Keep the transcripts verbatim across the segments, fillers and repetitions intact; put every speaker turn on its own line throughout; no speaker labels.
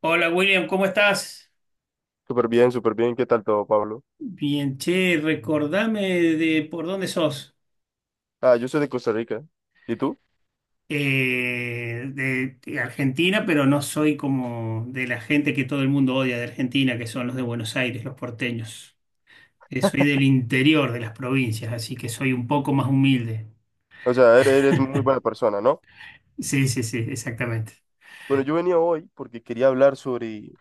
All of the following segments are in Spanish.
Hola William, ¿cómo estás?
Súper bien, súper bien. ¿Qué tal todo, Pablo?
Bien, che, recordame de por dónde sos.
Ah, yo soy de Costa Rica. ¿Y tú?
Eh, de, de Argentina, pero no soy como de la gente que todo el mundo odia de Argentina, que son los de Buenos Aires, los porteños. Eh, soy del interior de las provincias, así que soy un poco más humilde.
O sea, eres, eres muy buena persona, ¿no?
Sí, sí, sí, exactamente.
Bueno, yo venía hoy porque quería hablar sobre,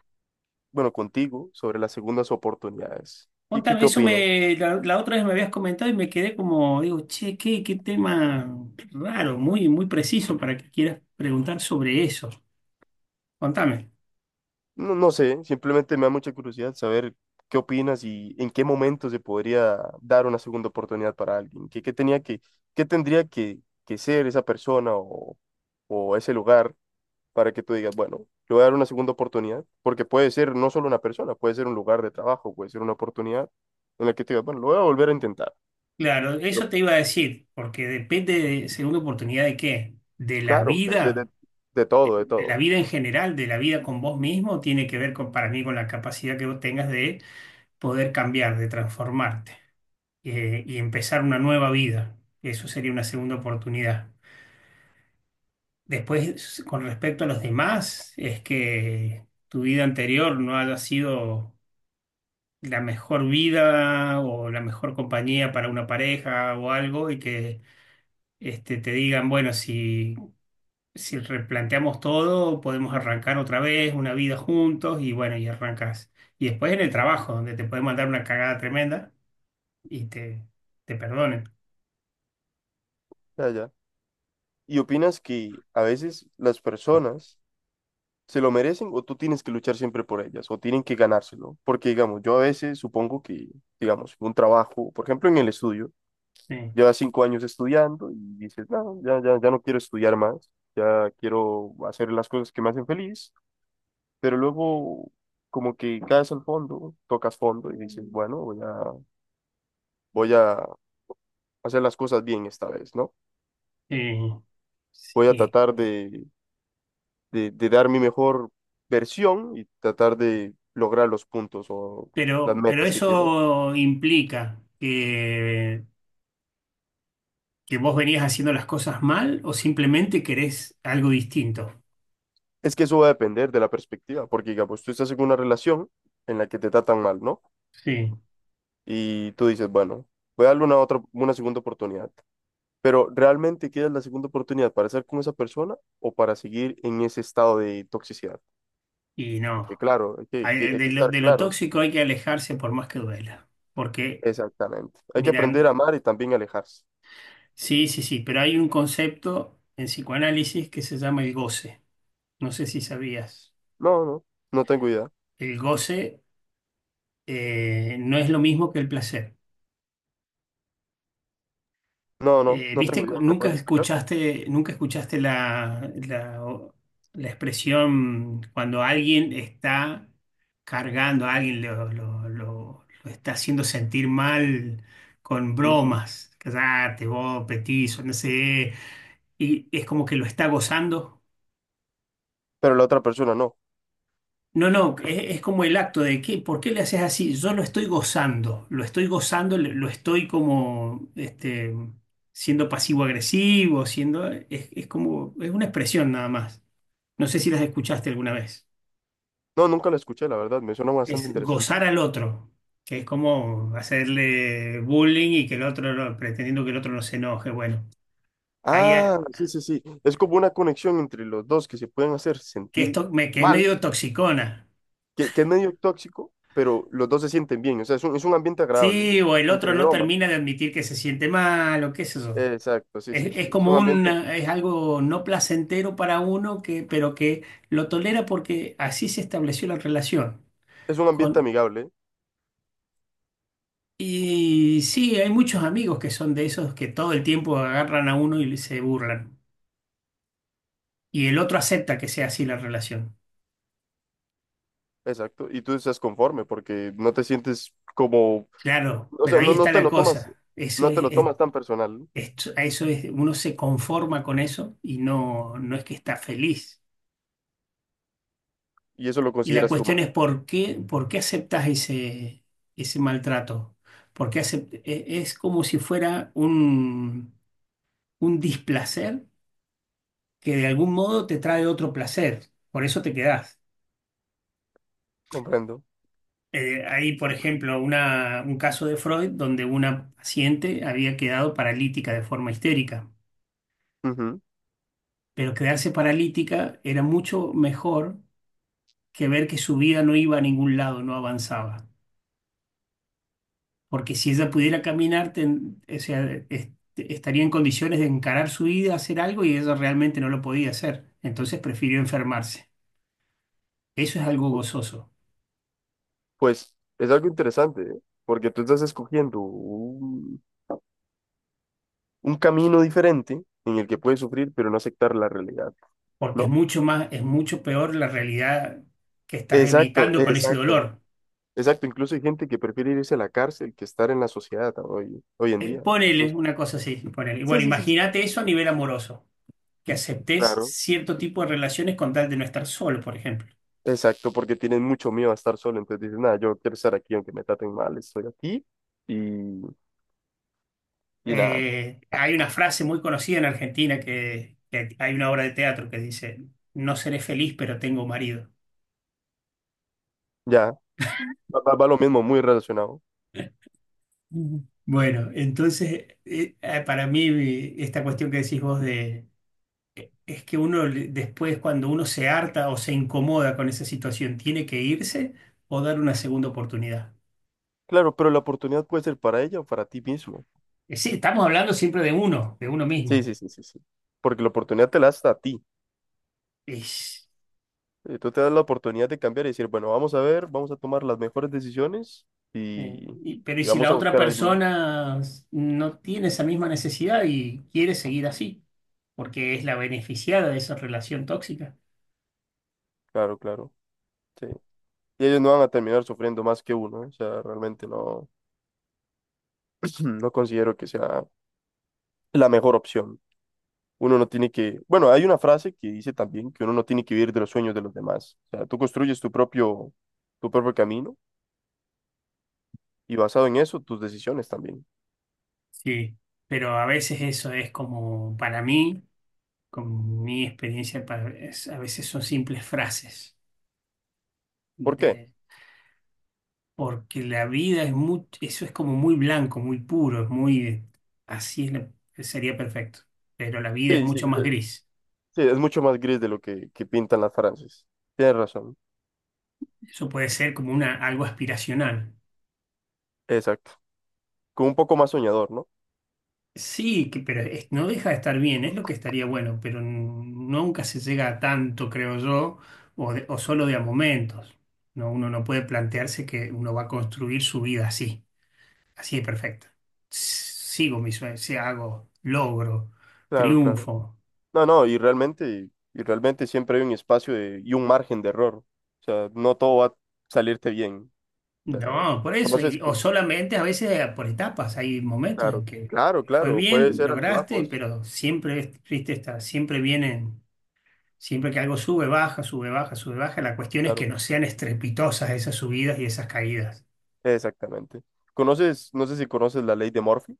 bueno, contigo, sobre las segundas oportunidades. ¿Qué, qué,
Contame,
qué
eso
opinas?
me, la, la otra vez me habías comentado y me quedé como, digo, che, qué, qué tema raro, muy, muy preciso para que quieras preguntar sobre eso. Contame.
No, no sé, simplemente me da mucha curiosidad saber qué opinas y en qué momento se podría dar una segunda oportunidad para alguien. ¿Qué, qué tenía que, qué tendría que, que ser esa persona o, o ese lugar para que tú digas, bueno, le voy a dar una segunda oportunidad, porque puede ser no solo una persona, puede ser un lugar de trabajo, puede ser una oportunidad en la que te digas, bueno, lo voy a volver a intentar.
Claro,
Pero
eso te iba a decir, porque depende de, según oportunidad de qué, de la
claro, de, de, de,
vida,
de todo, de
de la
todo.
vida en general, de la vida con vos mismo, tiene que ver con, para mí con la capacidad que vos tengas de poder cambiar, de transformarte eh, y empezar una nueva vida. Eso sería una segunda oportunidad. Después, con respecto a los demás, es que tu vida anterior no haya sido la mejor vida o la mejor compañía para una pareja o algo y que este, te digan, bueno, si, si replanteamos todo, podemos arrancar otra vez una vida juntos y bueno, y arrancas. Y después en el trabajo, donde te pueden mandar una cagada tremenda y te, te perdonen.
Ya, ya. ¿Y opinas que a veces las personas se lo merecen o tú tienes que luchar siempre por ellas o tienen que ganárselo? Porque, digamos, yo a veces supongo que, digamos, un trabajo, por ejemplo, en el estudio,
Sí,
llevas cinco años estudiando y dices, no, ya, ya, ya no quiero estudiar más, ya quiero hacer las cosas que me hacen feliz pero luego como que caes al fondo, tocas fondo y dices, bueno, voy a, voy a hacer las cosas bien esta vez, ¿no?
eh,
Voy a
sí.
tratar de, de, de dar mi mejor versión y tratar de lograr los puntos o las
Pero, pero
metas que quiero.
eso implica que, que vos venías haciendo las cosas mal o simplemente querés algo distinto.
Es que eso va a depender de la perspectiva, porque digamos, tú estás en una relación en la que te tratan mal, ¿no?
Sí.
Y tú dices, bueno, voy a darle una otra, una segunda oportunidad. Pero ¿realmente quieres la segunda oportunidad para estar con esa persona o para seguir en ese estado de toxicidad?
Y
Porque
no,
claro, hay que, que-
hay-
hay que
de lo,
estar
de lo
claros.
tóxico hay que alejarse por más que duela. Porque,
Exactamente. Hay que aprender a
miran,
amar y también alejarse.
sí, sí, sí, pero hay un concepto en psicoanálisis que se llama el goce. No sé si sabías.
No, no, no tengo idea.
El goce eh, no es lo mismo que el placer.
No, no,
Eh,
no
¿viste?
tengo
cu-
idea. ¿Me
Nunca
puedes explicar?
escuchaste, nunca escuchaste la, la, o- la expresión cuando alguien está cargando a alguien, lo, lo- lo- lo está haciendo sentir mal con
Ujú.
bromas. Cállate, vos, petizo, no sé. Y es como que lo está gozando.
Pero la otra persona no.
No, no, es, es como el acto de que, ¿por qué le haces así? Yo lo estoy gozando, lo estoy gozando, lo lo estoy como este, siendo pasivo-agresivo, siendo, es, es como, es una expresión nada más. No sé si las escuchaste alguna vez.
No, nunca la escuché, la verdad. Me suena bastante
Es
interesante.
gozar al otro, que es como hacerle bullying y que el otro, no- pretendiendo que el otro no se enoje. Bueno, ahí,
Ah,
a-
sí, sí, sí. Es como una conexión entre los dos que se pueden hacer
que
sentir
esto, me, que es
mal,
medio toxicona.
que, que es medio tóxico, pero los dos se sienten bien. O sea, es un, es un ambiente agradable,
Sí, o el otro
entre
no
broma.
termina de admitir que se siente mal, o qué es eso.
Exacto, sí, sí,
Es, es
sí. Es
como
un
un,
ambiente,
es algo no placentero para uno que, pero que lo tolera porque así se estableció la relación.
es un ambiente
Con,
amigable.
y sí, hay muchos amigos que son de esos que todo el tiempo agarran a uno y se burlan. Y el otro acepta que sea así la relación.
Exacto, y tú estás conforme porque no te sientes como,
Claro,
o
pero
sea,
ahí
no, no
está
te
la
lo tomas,
cosa. Eso
no te
es,
lo
es-
tomas tan personal, ¿no?
esto- eso es, uno se conforma con eso y no, no es que está feliz.
Y eso lo
Y la
consideras tu
cuestión
mal.
es por qué, por qué aceptas ese, ese maltrato. Porque es como si fuera un, un displacer que de algún modo te trae otro placer. Por eso te quedás.
Comprendo.
Eh, hay, por ejemplo, una- un caso de Freud donde una paciente había quedado paralítica de forma histérica.
Ujú.
Pero quedarse paralítica era mucho mejor que ver que su vida no iba a ningún lado, no avanzaba. Porque si ella pudiera caminar, ten- o sea, est- estaría en condiciones de encarar su vida, hacer algo, y ella realmente no lo podía hacer. Entonces prefirió enfermarse. Eso es algo
Pu-
gozoso,
Pues es algo interesante, ¿eh? Porque tú estás escogiendo un, un, camino diferente en el que puedes sufrir pero no aceptar la realidad,
porque es
¿no?
mucho más, es mucho peor la realidad que estás
Exacto,
evitando con ese
exacto,
dolor.
exacto. Incluso hay gente que prefiere irse a la cárcel que estar en la sociedad hoy, hoy en
Eh,
día.
ponele
Incluso.
una cosa así, ponele. Y
Sí,
bueno,
sí, sí, sí.
imagínate eso a nivel amoroso, que aceptes
Claro.
cierto tipo de relaciones con tal de no estar solo, por ejemplo.
Exacto, porque tienen mucho miedo a estar solo, entonces dicen, nada, yo quiero estar aquí aunque me traten mal, estoy aquí y, y nada,
Eh, hay una frase muy conocida en Argentina que, que hay una obra de teatro que dice, no seré feliz, pero tengo marido.
ya, va, va- va lo mismo, muy relacionado.
Ujú. Bueno, entonces, eh, eh, para mí eh, esta cuestión que decís vos de, eh, es que uno le- después cuando uno se harta o se incomoda con esa situación, tiene que irse o dar una segunda oportunidad.
Claro, pero la oportunidad puede ser para ella o para ti mismo.
Eh, sí, estamos hablando siempre de uno, de uno
Sí,
mismo.
sí, sí, sí, sí, porque la oportunidad te la das a ti. Eh, Tú te das la oportunidad de cambiar y decir, bueno, vamos a ver, vamos a tomar las mejores decisiones
Eh,
y,
y- pero ¿y
y
si
vamos
la
a
otra
buscar algún.
persona s- no tiene esa misma necesidad y quiere seguir así? Porque es la beneficiada de esa relación tóxica.
Claro, claro, sí. Y ellos no van a terminar sufriendo más que uno, ¿eh? O sea, realmente no, no considero que sea la mejor opción. Uno no tiene que, bueno, hay una frase que dice también que uno no tiene que vivir de los sueños de los demás. O sea, tú construyes tu propio, tu propio camino y basado en eso, tus decisiones también.
Sí, pero a veces eso es como, para mí, con mi experiencia, para- es- a veces son simples frases.
¿Por qué?
De, porque la vida es muy, eso es como muy blanco, muy puro, es muy, eh, así es la- sería perfecto. Pero la vida es
Sí, sí,
mucho más
eh,
gris.
sí, es mucho más gris de lo que, que pintan las frases. Tienes razón.
Eso puede ser como una, algo aspiracional.
Exacto. Con un poco más soñador, ¿no?
Sí, que- pero es- no deja de estar bien, es lo que estaría bueno, pero n- nunca se llega a tanto, creo yo, o, de- o solo de a momentos. No, uno no puede plantearse que uno va a construir su vida así, así de perfecta. S- Sigo mis sueños, si hago, logro,
Claro, claro.
triunfo.
No, no, y realmente, y realmente siempre hay un espacio de- y un margen de error. O sea, no todo va a salirte bien.
No, por eso,
Entonces,
y- o
cu-
solamente a veces eh, por etapas, hay momentos en
claro,
que
claro,
fue
claro, puede
bien,
ser
lograste,
altibajos.
pero siempre, es- viste, está, siempre vienen. Siempre que algo sube, baja, sube, baja, sube, baja, la cuestión es que
Claro.
no sean estrepitosas esas subidas y esas caídas.
Exactamente. ¿Conoces, no sé si conoces la ley de Murphy?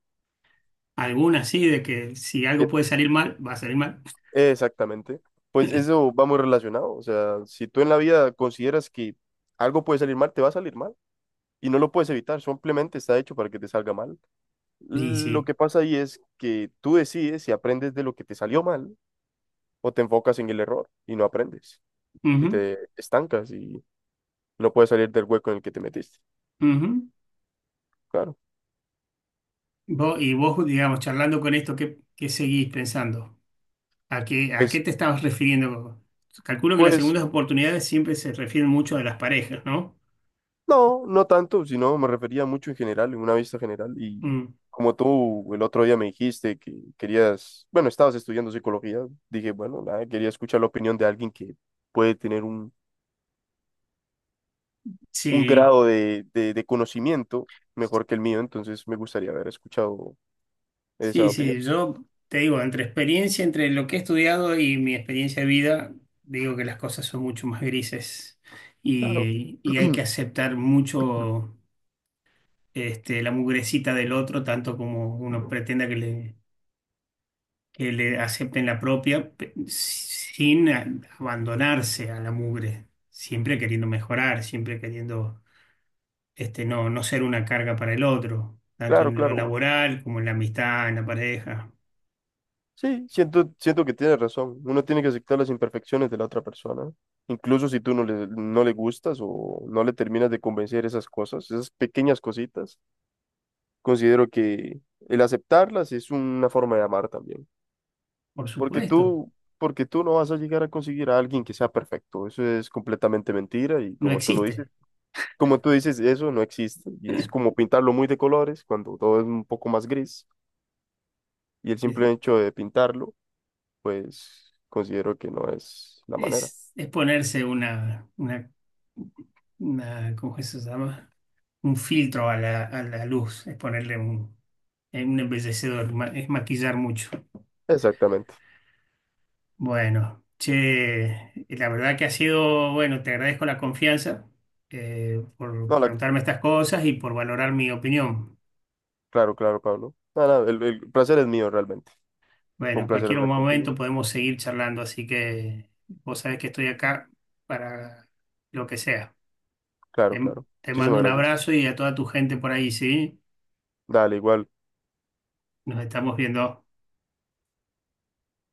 Algunas sí, de que si
Que,
algo puede salir mal, va a salir mal.
exactamente. Pues eso va muy relacionado. O sea, si tú en la vida consideras que algo puede salir mal, te va a salir mal. Y no lo puedes evitar, simplemente está hecho para que te salga mal.
Y
Lo
sí.
que pasa ahí es que tú decides si aprendes de lo que te salió mal o te enfocas en el error y no aprendes. Y
Ujú,
te estancas y no puedes salir del hueco en el que te metiste.
ujú.
Claro.
Vos- y vos, digamos, charlando con esto, ¿qué, qué seguís pensando? ¿A qué, a qué
Pues,
te estabas refiriendo? Calculo que las
pues
segundas oportunidades siempre se refieren mucho a las parejas, ¿no?
No, no tanto, sino me refería mucho en general, en una vista general. Y
Mm,
como tú el otro día me dijiste que querías, bueno, estabas estudiando psicología, dije, bueno, nada, quería escuchar la opinión de alguien que puede tener un, un,
sí.
grado de, de, de conocimiento mejor que el mío, entonces me gustaría haber escuchado esa
Sí,
opinión.
sí, yo te digo, entre experiencia, entre lo que he estudiado y mi experiencia de vida, digo que las cosas son mucho más grises
Claro.
y, y hay que aceptar mucho este, la mugrecita del otro, tanto como uno pretenda que le, que le acepten la propia, pe- sin a- abandonarse a la mugre, siempre queriendo mejorar, siempre queriendo este, no, no ser una carga para el otro, tanto
Claro,
en lo
claro.
laboral como en la amistad, en la pareja,
Sí, siento, siento que tienes razón. Uno tiene que aceptar las imperfecciones de la otra persona. Incluso si tú no le, no le gustas o no le terminas de convencer esas cosas, esas pequeñas cositas, considero que el aceptarlas es una forma de amar también.
por
Porque
supuesto.
tú, porque tú no vas a llegar a conseguir a alguien que sea perfecto. Eso es completamente mentira y
No
como tú lo dices,
existe.
como tú dices, eso no existe. Y es como pintarlo muy de colores cuando todo es un poco más gris. Y el
Es,
simple hecho de pintarlo pues considero que no es la manera.
es- es ponerse una, una, una- ¿cómo es que se llama? Un filtro a la, a la luz, es ponerle un, eh, un embellecedor, ma- es maquillar mucho.
Exactamente.
Bueno, che, la verdad que ha sido, bueno, te agradezco la confianza eh, por
No, la-
preguntarme estas cosas y por valorar mi opinión.
claro, claro, Pablo. Nada, el, el placer es mío realmente. Fue
Bueno,
un
en
placer
cualquier
hablar contigo.
momento podemos seguir charlando, así que vos sabés que estoy acá para lo que sea.
Claro,
Te,
claro.
te mando
Muchísimas
un
gracias.
abrazo y a toda tu gente por ahí, ¿sí?
Dale, igual.
Nos estamos viendo.